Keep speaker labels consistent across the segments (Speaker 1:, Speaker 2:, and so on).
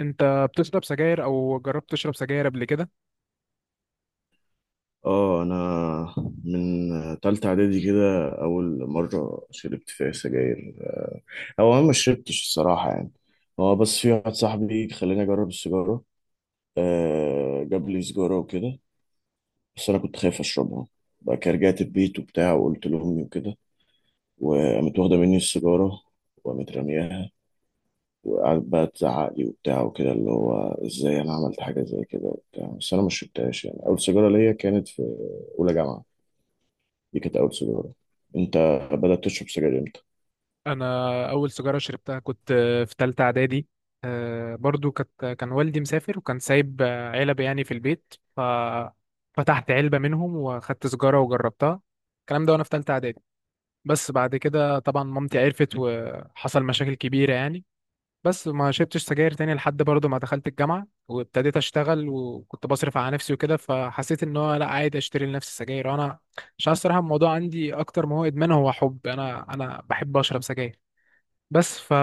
Speaker 1: انت بتشرب سجاير او جربت تشرب سجاير قبل كده؟
Speaker 2: اه انا من تالتة اعدادي كده، اول مرة شربت فيها سجاير. او انا ما شربتش الصراحة، يعني هو بس في واحد صاحبي خلاني اجرب السيجارة. آه، جاب لي سيجارة وكده، بس انا كنت خايف اشربها. بقى كده رجعت البيت وبتاع وقلت لامي وكده، وقامت واخدة مني السيجارة وقامت رمياها، وقعدت بقى تزعق لي وبتاع وكده، اللي هو ازاي انا عملت حاجة زي كده وبتاع. بس انا ما شربتهاش، يعني اول سيجارة ليا كانت في اولى جامعة. دي كانت أول سيجارة. أنت بدأت تشرب سجاير إمتى؟
Speaker 1: انا اول سيجاره شربتها كنت في ثالثه اعدادي. برضو كان والدي مسافر وكان سايب علب يعني في البيت، ففتحت علبه منهم واخدت سيجاره وجربتها. الكلام ده وانا في ثالثه اعدادي. بس بعد كده طبعا مامتي عرفت وحصل مشاكل كبيره يعني. بس ما شربتش سجاير تاني لحد برضه ما دخلت الجامعة وابتديت اشتغل، وكنت بصرف على نفسي وكده، فحسيت ان هو لا عادي اشتري لنفسي سجاير انا، عشان الصراحة الموضوع عندي اكتر ما هو ادمان هو حب، انا بحب اشرب سجاير. بس ف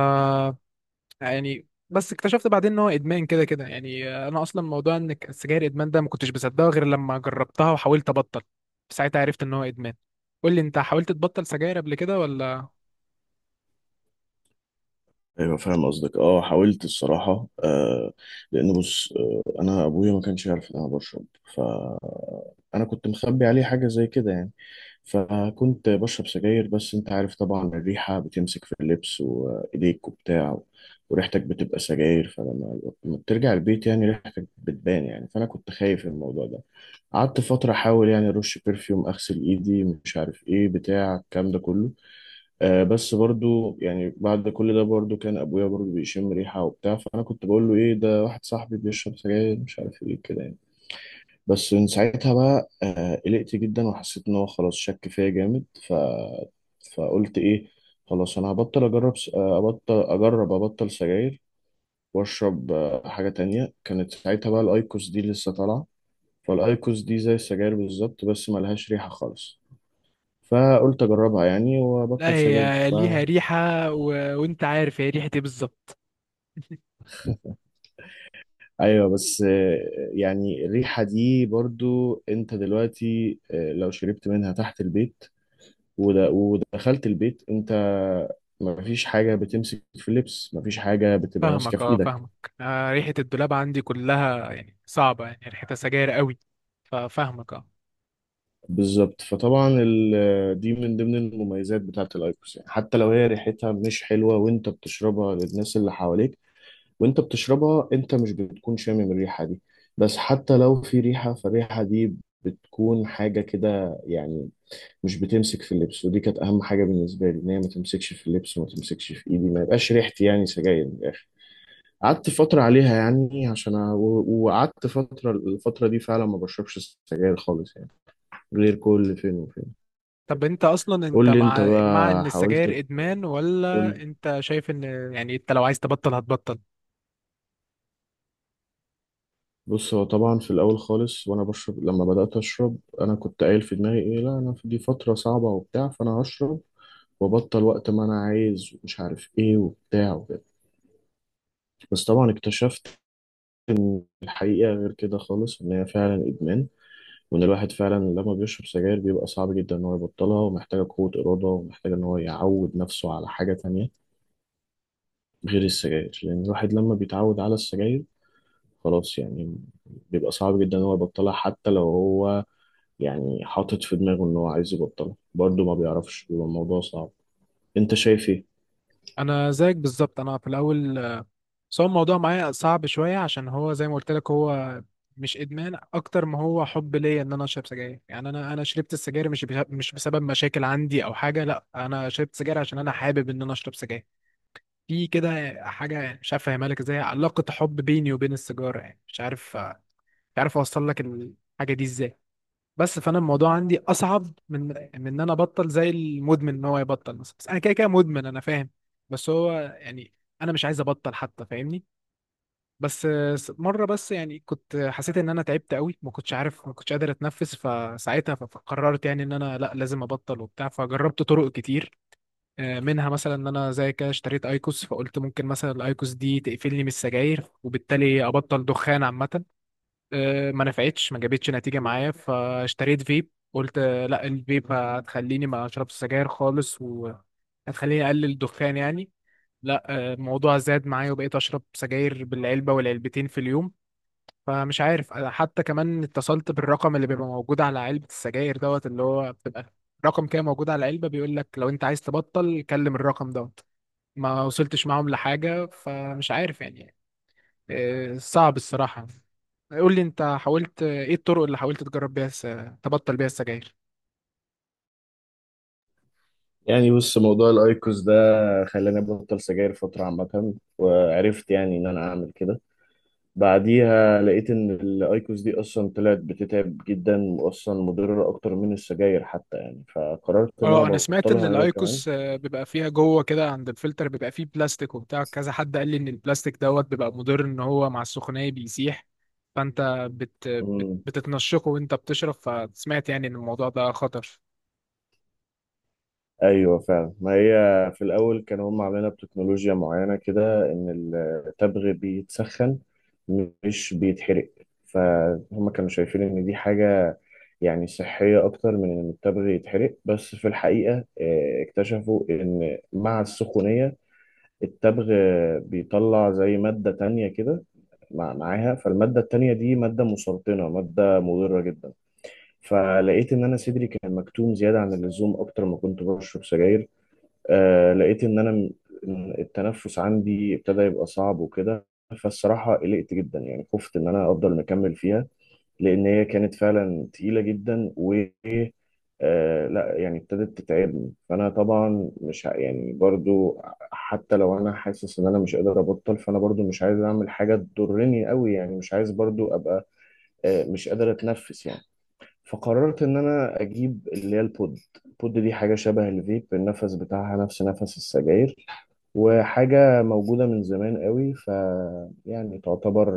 Speaker 1: يعني بس اكتشفت بعدين ان هو ادمان كده كده. يعني انا اصلا موضوع ان السجاير ادمان ده ما كنتش بصدقه غير لما جربتها وحاولت ابطل، ساعتها عرفت ان هو ادمان. قول لي، انت حاولت تبطل سجاير قبل كده ولا؟
Speaker 2: أيوة فاهم قصدك. أه، حاولت الصراحة. آه، لأن بص، آه، أنا أبويا ما كانش يعرف إن أنا بشرب، فأنا كنت مخبي عليه حاجة زي كده يعني. فكنت بشرب سجاير، بس أنت عارف طبعا الريحة بتمسك في اللبس وإيديك وبتاع، وريحتك بتبقى سجاير. فلما بترجع البيت يعني ريحتك بتبان يعني، فأنا كنت خايف من الموضوع ده. قعدت فترة أحاول، يعني أرش برفيوم، أغسل إيدي، مش عارف إيه، بتاع الكلام ده كله. آه، بس برضو يعني بعد كل ده برضو كان ابويا برضو بيشم ريحه وبتاع، فانا كنت بقول له ايه ده واحد صاحبي بيشرب سجاير مش عارف ايه كده يعني. بس من ساعتها بقى، آه، قلقت جدا وحسيت ان هو خلاص شك فيا جامد. فقلت ايه، خلاص انا هبطل اجرب ابطل ابطل سجاير. واشرب، حاجه تانية. كانت ساعتها بقى الايكوس دي لسه طالعه، فالايكوس دي زي السجاير بالظبط بس ملهاش ريحه خالص. فقلت اجربها يعني
Speaker 1: لا
Speaker 2: وابطل سجاير.
Speaker 1: هي ليها ريحة و... وانت عارف هي ريحة ايه بالظبط؟
Speaker 2: ايوه، بس يعني الريحه دي برضو، انت دلوقتي لو شربت منها تحت البيت ود- ودخلت البيت، انت مفيش حاجه بتمسك في اللبس، مفيش حاجه بتبقى ماسكه
Speaker 1: فاهمك،
Speaker 2: في
Speaker 1: اه
Speaker 2: ايدك.
Speaker 1: فاهمك. آه ريحة الدولاب عندي كلها يعني صعبة، يعني ريحتها سجاير قوي، ففاهمك اه.
Speaker 2: بالظبط. فطبعا دي من ضمن المميزات بتاعه الايكوس، يعني حتى لو هي ريحتها مش حلوه وانت بتشربها، للناس اللي حواليك وانت بتشربها انت مش بتكون شامم الريحه دي. بس حتى لو في ريحه، فالريحه دي بتكون حاجه كده يعني، مش بتمسك في اللبس. ودي كانت اهم حاجه بالنسبه لي، ان هي ما تمسكش في اللبس وما تمسكش في ايدي، ما يبقاش ريحتي يعني سجاير من الاخر. قعدت فتره عليها يعني، عشان أ... و- وقعدت فتره. الفتره دي فعلا ما بشربش سجاير خالص يعني، غير كل فين وفين.
Speaker 1: طب انت اصلا انت
Speaker 2: قول لي انت
Speaker 1: مع ان
Speaker 2: بقى، حاولت
Speaker 1: السجاير ادمان، ولا
Speaker 2: تقول،
Speaker 1: انت شايف ان يعني انت لو عايز تبطل هتبطل؟
Speaker 2: بص هو طبعا في الاول خالص، وانا بشرب لما بدات اشرب انا كنت قايل في دماغي ايه، لا انا في دي فتره صعبه وبتاع، فانا هشرب وبطل وقت ما انا عايز ومش عارف ايه وبتاع وكده. بس طبعا اكتشفت إن الحقيقة غير كده خالص، إن هي فعلا إدمان، وإن الواحد فعلا لما بيشرب سجاير بيبقى صعب جدا إن هو يبطلها، ومحتاجة قوة إرادة، ومحتاجة إن هو يعود نفسه على حاجة تانية غير السجاير. لأن الواحد لما بيتعود على السجاير خلاص يعني، بيبقى صعب جدا إن هو يبطلها. حتى لو هو يعني حاطط في دماغه إن هو عايز يبطلها، برضه ما بيعرفش، بيبقى الموضوع صعب. أنت شايف إيه؟
Speaker 1: انا زيك بالظبط. انا في الاول بس هو الموضوع معايا صعب شوية، عشان هو زي ما قلت لك هو مش ادمان اكتر ما هو حب ليا ان انا اشرب سجاير. يعني انا شربت السجاير مش مش بسبب مشاكل عندي او حاجة، لا انا شربت سجاير عشان انا حابب ان انا اشرب سجاير. في كده حاجة مش عارف أفهمها لك إزاي، علاقة حب بيني وبين السيجارة، يعني مش عارف مش عارف أوصل لك الحاجة دي إزاي. بس فأنا الموضوع عندي أصعب من من إن أنا أبطل زي المدمن إن هو يبطل مثلا. بس أنا كده كده مدمن، أنا فاهم. بس هو يعني أنا مش عايز أبطل حتى، فاهمني؟ بس مرة بس يعني كنت حسيت إن أنا تعبت قوي، ما كنتش عارف ما كنتش قادر أتنفس، فساعتها فقررت يعني إن أنا لا لازم أبطل وبتاع، فجربت طرق كتير. منها مثلا ان انا زي كده اشتريت ايكوس، فقلت ممكن مثلا الايكوس دي تقفلني من السجاير وبالتالي ابطل دخان عامه. ما نفعتش ما جابتش نتيجه معايا، فاشتريت فيب، قلت لا الفيب هتخليني ما اشربش سجاير خالص وهتخليني اقلل الدخان يعني. لا الموضوع زاد معايا وبقيت اشرب سجاير بالعلبه والعلبتين في اليوم. فمش عارف. أنا حتى كمان اتصلت بالرقم اللي بيبقى موجود على علبه السجاير دوت، اللي هو بتبقى رقم كده موجود على العلبه بيقول لك لو انت عايز تبطل كلم الرقم دوت. ما وصلتش معاهم لحاجة، فمش عارف يعني. صعب الصراحة. قول لي انت حاولت ايه الطرق اللي حاولت تجرب بيها تبطل بيها السجاير؟
Speaker 2: يعني بص، موضوع الأيكوس ده خلاني أبطل سجاير فترة عامة، وعرفت يعني إن أنا أعمل كده. بعديها لقيت ان الايكوس دي اصلا طلعت بتتعب جدا، واصلا مضره اكتر من السجاير حتى يعني، فقررت ان انا
Speaker 1: اه انا سمعت ان
Speaker 2: ابطلها هي كمان.
Speaker 1: الايكوس بيبقى فيها جوه كده عند الفلتر بيبقى فيه بلاستيك وبتاع كذا. حد قال لي ان البلاستيك دوت بيبقى مضر، ان هو مع السخونية بيسيح، فانت
Speaker 2: امم،
Speaker 1: بتتنشقه وانت بتشرب، فسمعت يعني ان الموضوع ده خطر.
Speaker 2: ايوه فعلا. ما هي في الاول كانوا هم عاملينها بتكنولوجيا معينه كده، ان التبغ بيتسخن مش بيتحرق. فهم كانوا شايفين ان دي حاجه يعني صحيه اكتر من ان التبغ يتحرق. بس في الحقيقه، اكتشفوا ان مع السخونيه التبغ بيطلع زي مادة تانية كده معاها. فالمادة التانية دي مادة مسرطنة، مادة مضرة جدا. فلقيت إن أنا صدري كان مكتوم زيادة عن اللزوم أكتر ما كنت بشرب سجاير. آه، لقيت إن إن التنفس عندي ابتدى يبقى صعب وكده. فالصراحة قلقت جدا يعني، خفت إن أنا أفضل مكمل فيها، لان هي كانت فعلا تقيله جدا. و لا يعني ابتدت تتعبني. فانا طبعا مش ه- يعني برضو حتى لو انا حاسس ان انا مش قادر ابطل، فانا برضو مش عايز اعمل حاجه تضرني قوي يعني، مش عايز برضو ابقى، آه، مش قادر اتنفس يعني. فقررت ان انا اجيب اللي هي البود. البود دي حاجه شبه الفيب، النفس بتاعها نفس نفس السجاير، وحاجه موجوده من زمان قوي. يعني تعتبر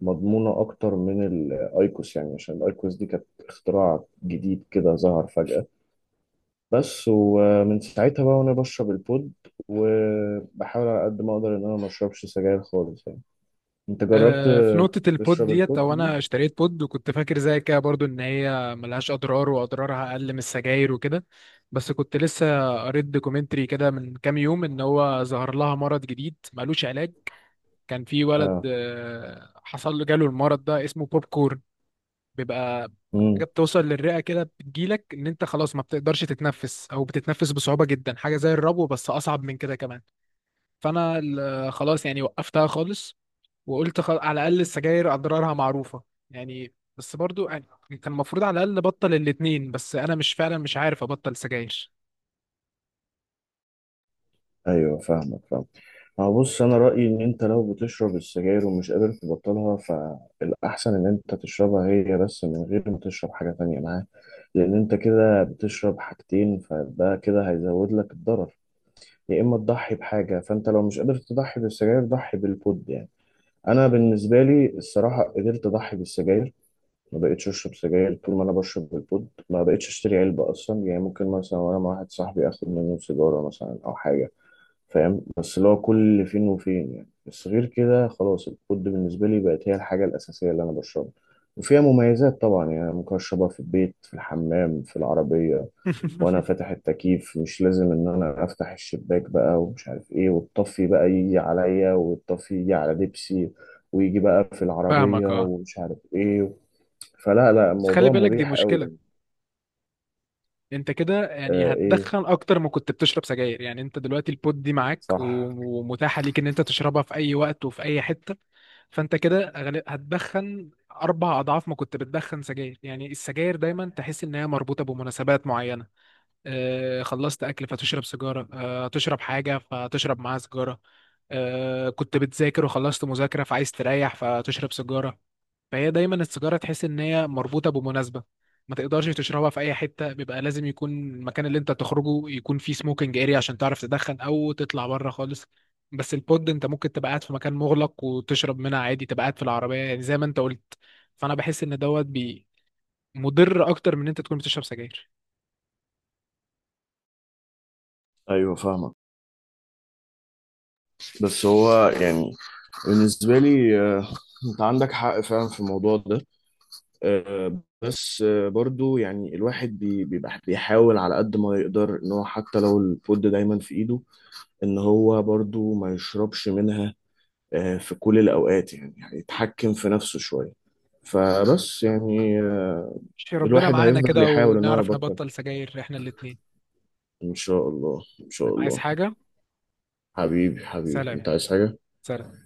Speaker 2: مضمونة أكتر من الأيكوس، يعني عشان الأيكوس دي كانت اختراع جديد كده ظهر فجأة بس. ومن ساعتها بقى وأنا بشرب البود، وبحاول على قد ما أقدر إن أنا ما أشربش سجاير خالص يعني. أنت جربت
Speaker 1: في نقطة البود
Speaker 2: تشرب
Speaker 1: ديت،
Speaker 2: البود
Speaker 1: أو
Speaker 2: دي؟
Speaker 1: أنا اشتريت بود وكنت فاكر زي كده برضو إن هي ملهاش أضرار وأضرارها أقل من السجاير وكده، بس كنت لسه قريت دوكيومنتري كده من كام يوم إن هو ظهر لها مرض جديد ملوش علاج. كان في ولد
Speaker 2: آه،
Speaker 1: حصل له جاله المرض ده اسمه بوب كورن. بيبقى حاجة بتوصل للرئة كده، بتجيلك إن أنت خلاص ما بتقدرش تتنفس أو بتتنفس بصعوبة جدا، حاجة زي الربو بس أصعب من كده كمان. فأنا خلاص يعني وقفتها خالص، وقلت على الاقل السجاير اضرارها معروفه يعني. بس برضو يعني كان المفروض على الاقل ابطل الاتنين، بس انا مش فعلا مش عارف ابطل سجاير.
Speaker 2: ايوه فاهمك، فاهم. هو بص، انا رايي ان انت لو بتشرب السجاير ومش قادر تبطلها، فالاحسن ان انت تشربها هي بس من غير ما تشرب حاجه تانية معاها. لان انت كده بتشرب حاجتين، فده كده هيزود لك الضرر. يا اما تضحي بحاجه، فانت لو مش قادر تضحي بالسجاير، ضحي بالبود يعني. انا بالنسبه لي الصراحه قدرت اضحي بالسجاير. ما بقتش اشرب سجاير طول ما انا بشرب بالبود، ما بقتش اشتري علبه اصلا يعني. ممكن مثلا وانا مع واحد صاحبي اخد منه سيجاره مثلا او حاجه، فاهم، بس اللي هو كل فين وفين يعني. بس غير كده خلاص، الكود بالنسبة لي بقت هي الحاجة الأساسية اللي أنا بشربها. وفيها مميزات طبعا يعني، أنا ممكن أشربها في البيت، في الحمام، في العربية، وأنا فاتح التكييف. مش لازم إن أنا أفتح الشباك بقى ومش عارف إيه، والطفي بقى يجي عليا، والطفي يجي على دبسي ويجي بقى في العربية
Speaker 1: فاهمك اه.
Speaker 2: ومش عارف إيه. فلا لا،
Speaker 1: بس خلي
Speaker 2: الموضوع
Speaker 1: بالك دي
Speaker 2: مريح
Speaker 1: مشكله.
Speaker 2: قوي.
Speaker 1: انت كده يعني
Speaker 2: آه، إيه،
Speaker 1: هتدخن اكتر ما كنت بتشرب سجاير. يعني انت دلوقتي البود دي معاك
Speaker 2: صح.
Speaker 1: ومتاحه ليك ان انت تشربها في اي وقت وفي اي حته، فانت كده هتدخن اربع اضعاف ما كنت بتدخن سجاير. يعني السجاير دايما تحس انها مربوطه بمناسبات معينه، خلصت اكل فتشرب سيجاره، تشرب حاجه فتشرب معاها سيجاره، كنت بتذاكر وخلصت مذاكره فعايز تريح فتشرب سيجاره. فهي دايما السيجاره تحس ان هي مربوطه بمناسبه، ما تقدرش تشربها في اي حته، بيبقى لازم يكون المكان اللي انت تخرجه يكون فيه سموكينج اريا عشان تعرف تدخن او تطلع بره خالص. بس البود انت ممكن تبقى قاعد في مكان مغلق وتشرب منها عادي، تبقى قاعد في العربيه يعني زي ما انت قلت. فانا بحس ان دوت بي مضر اكتر من ان انت تكون بتشرب سجاير.
Speaker 2: ايوه فاهمك. بس هو يعني بالنسبة لي، انت عندك حق فعلا في الموضوع ده. بس برضو يعني الواحد بيبقى بيحاول على قد ما يقدر ان هو حتى لو الفود دايما في ايده، ان هو برضو ما يشربش منها، في كل الاوقات يعني، يعني يتحكم في نفسه شوية. فبس يعني آه،
Speaker 1: ماشي، ربنا
Speaker 2: الواحد
Speaker 1: معانا
Speaker 2: هيفضل
Speaker 1: كده
Speaker 2: يحاول ان هو
Speaker 1: ونعرف
Speaker 2: يبطل.
Speaker 1: نبطل سجاير احنا الاتنين.
Speaker 2: ان شاء الله، ان شاء
Speaker 1: عايز
Speaker 2: الله.
Speaker 1: حاجة؟
Speaker 2: حبيبي حبيبي،
Speaker 1: سلام.
Speaker 2: انت عايز حاجة؟
Speaker 1: سلام.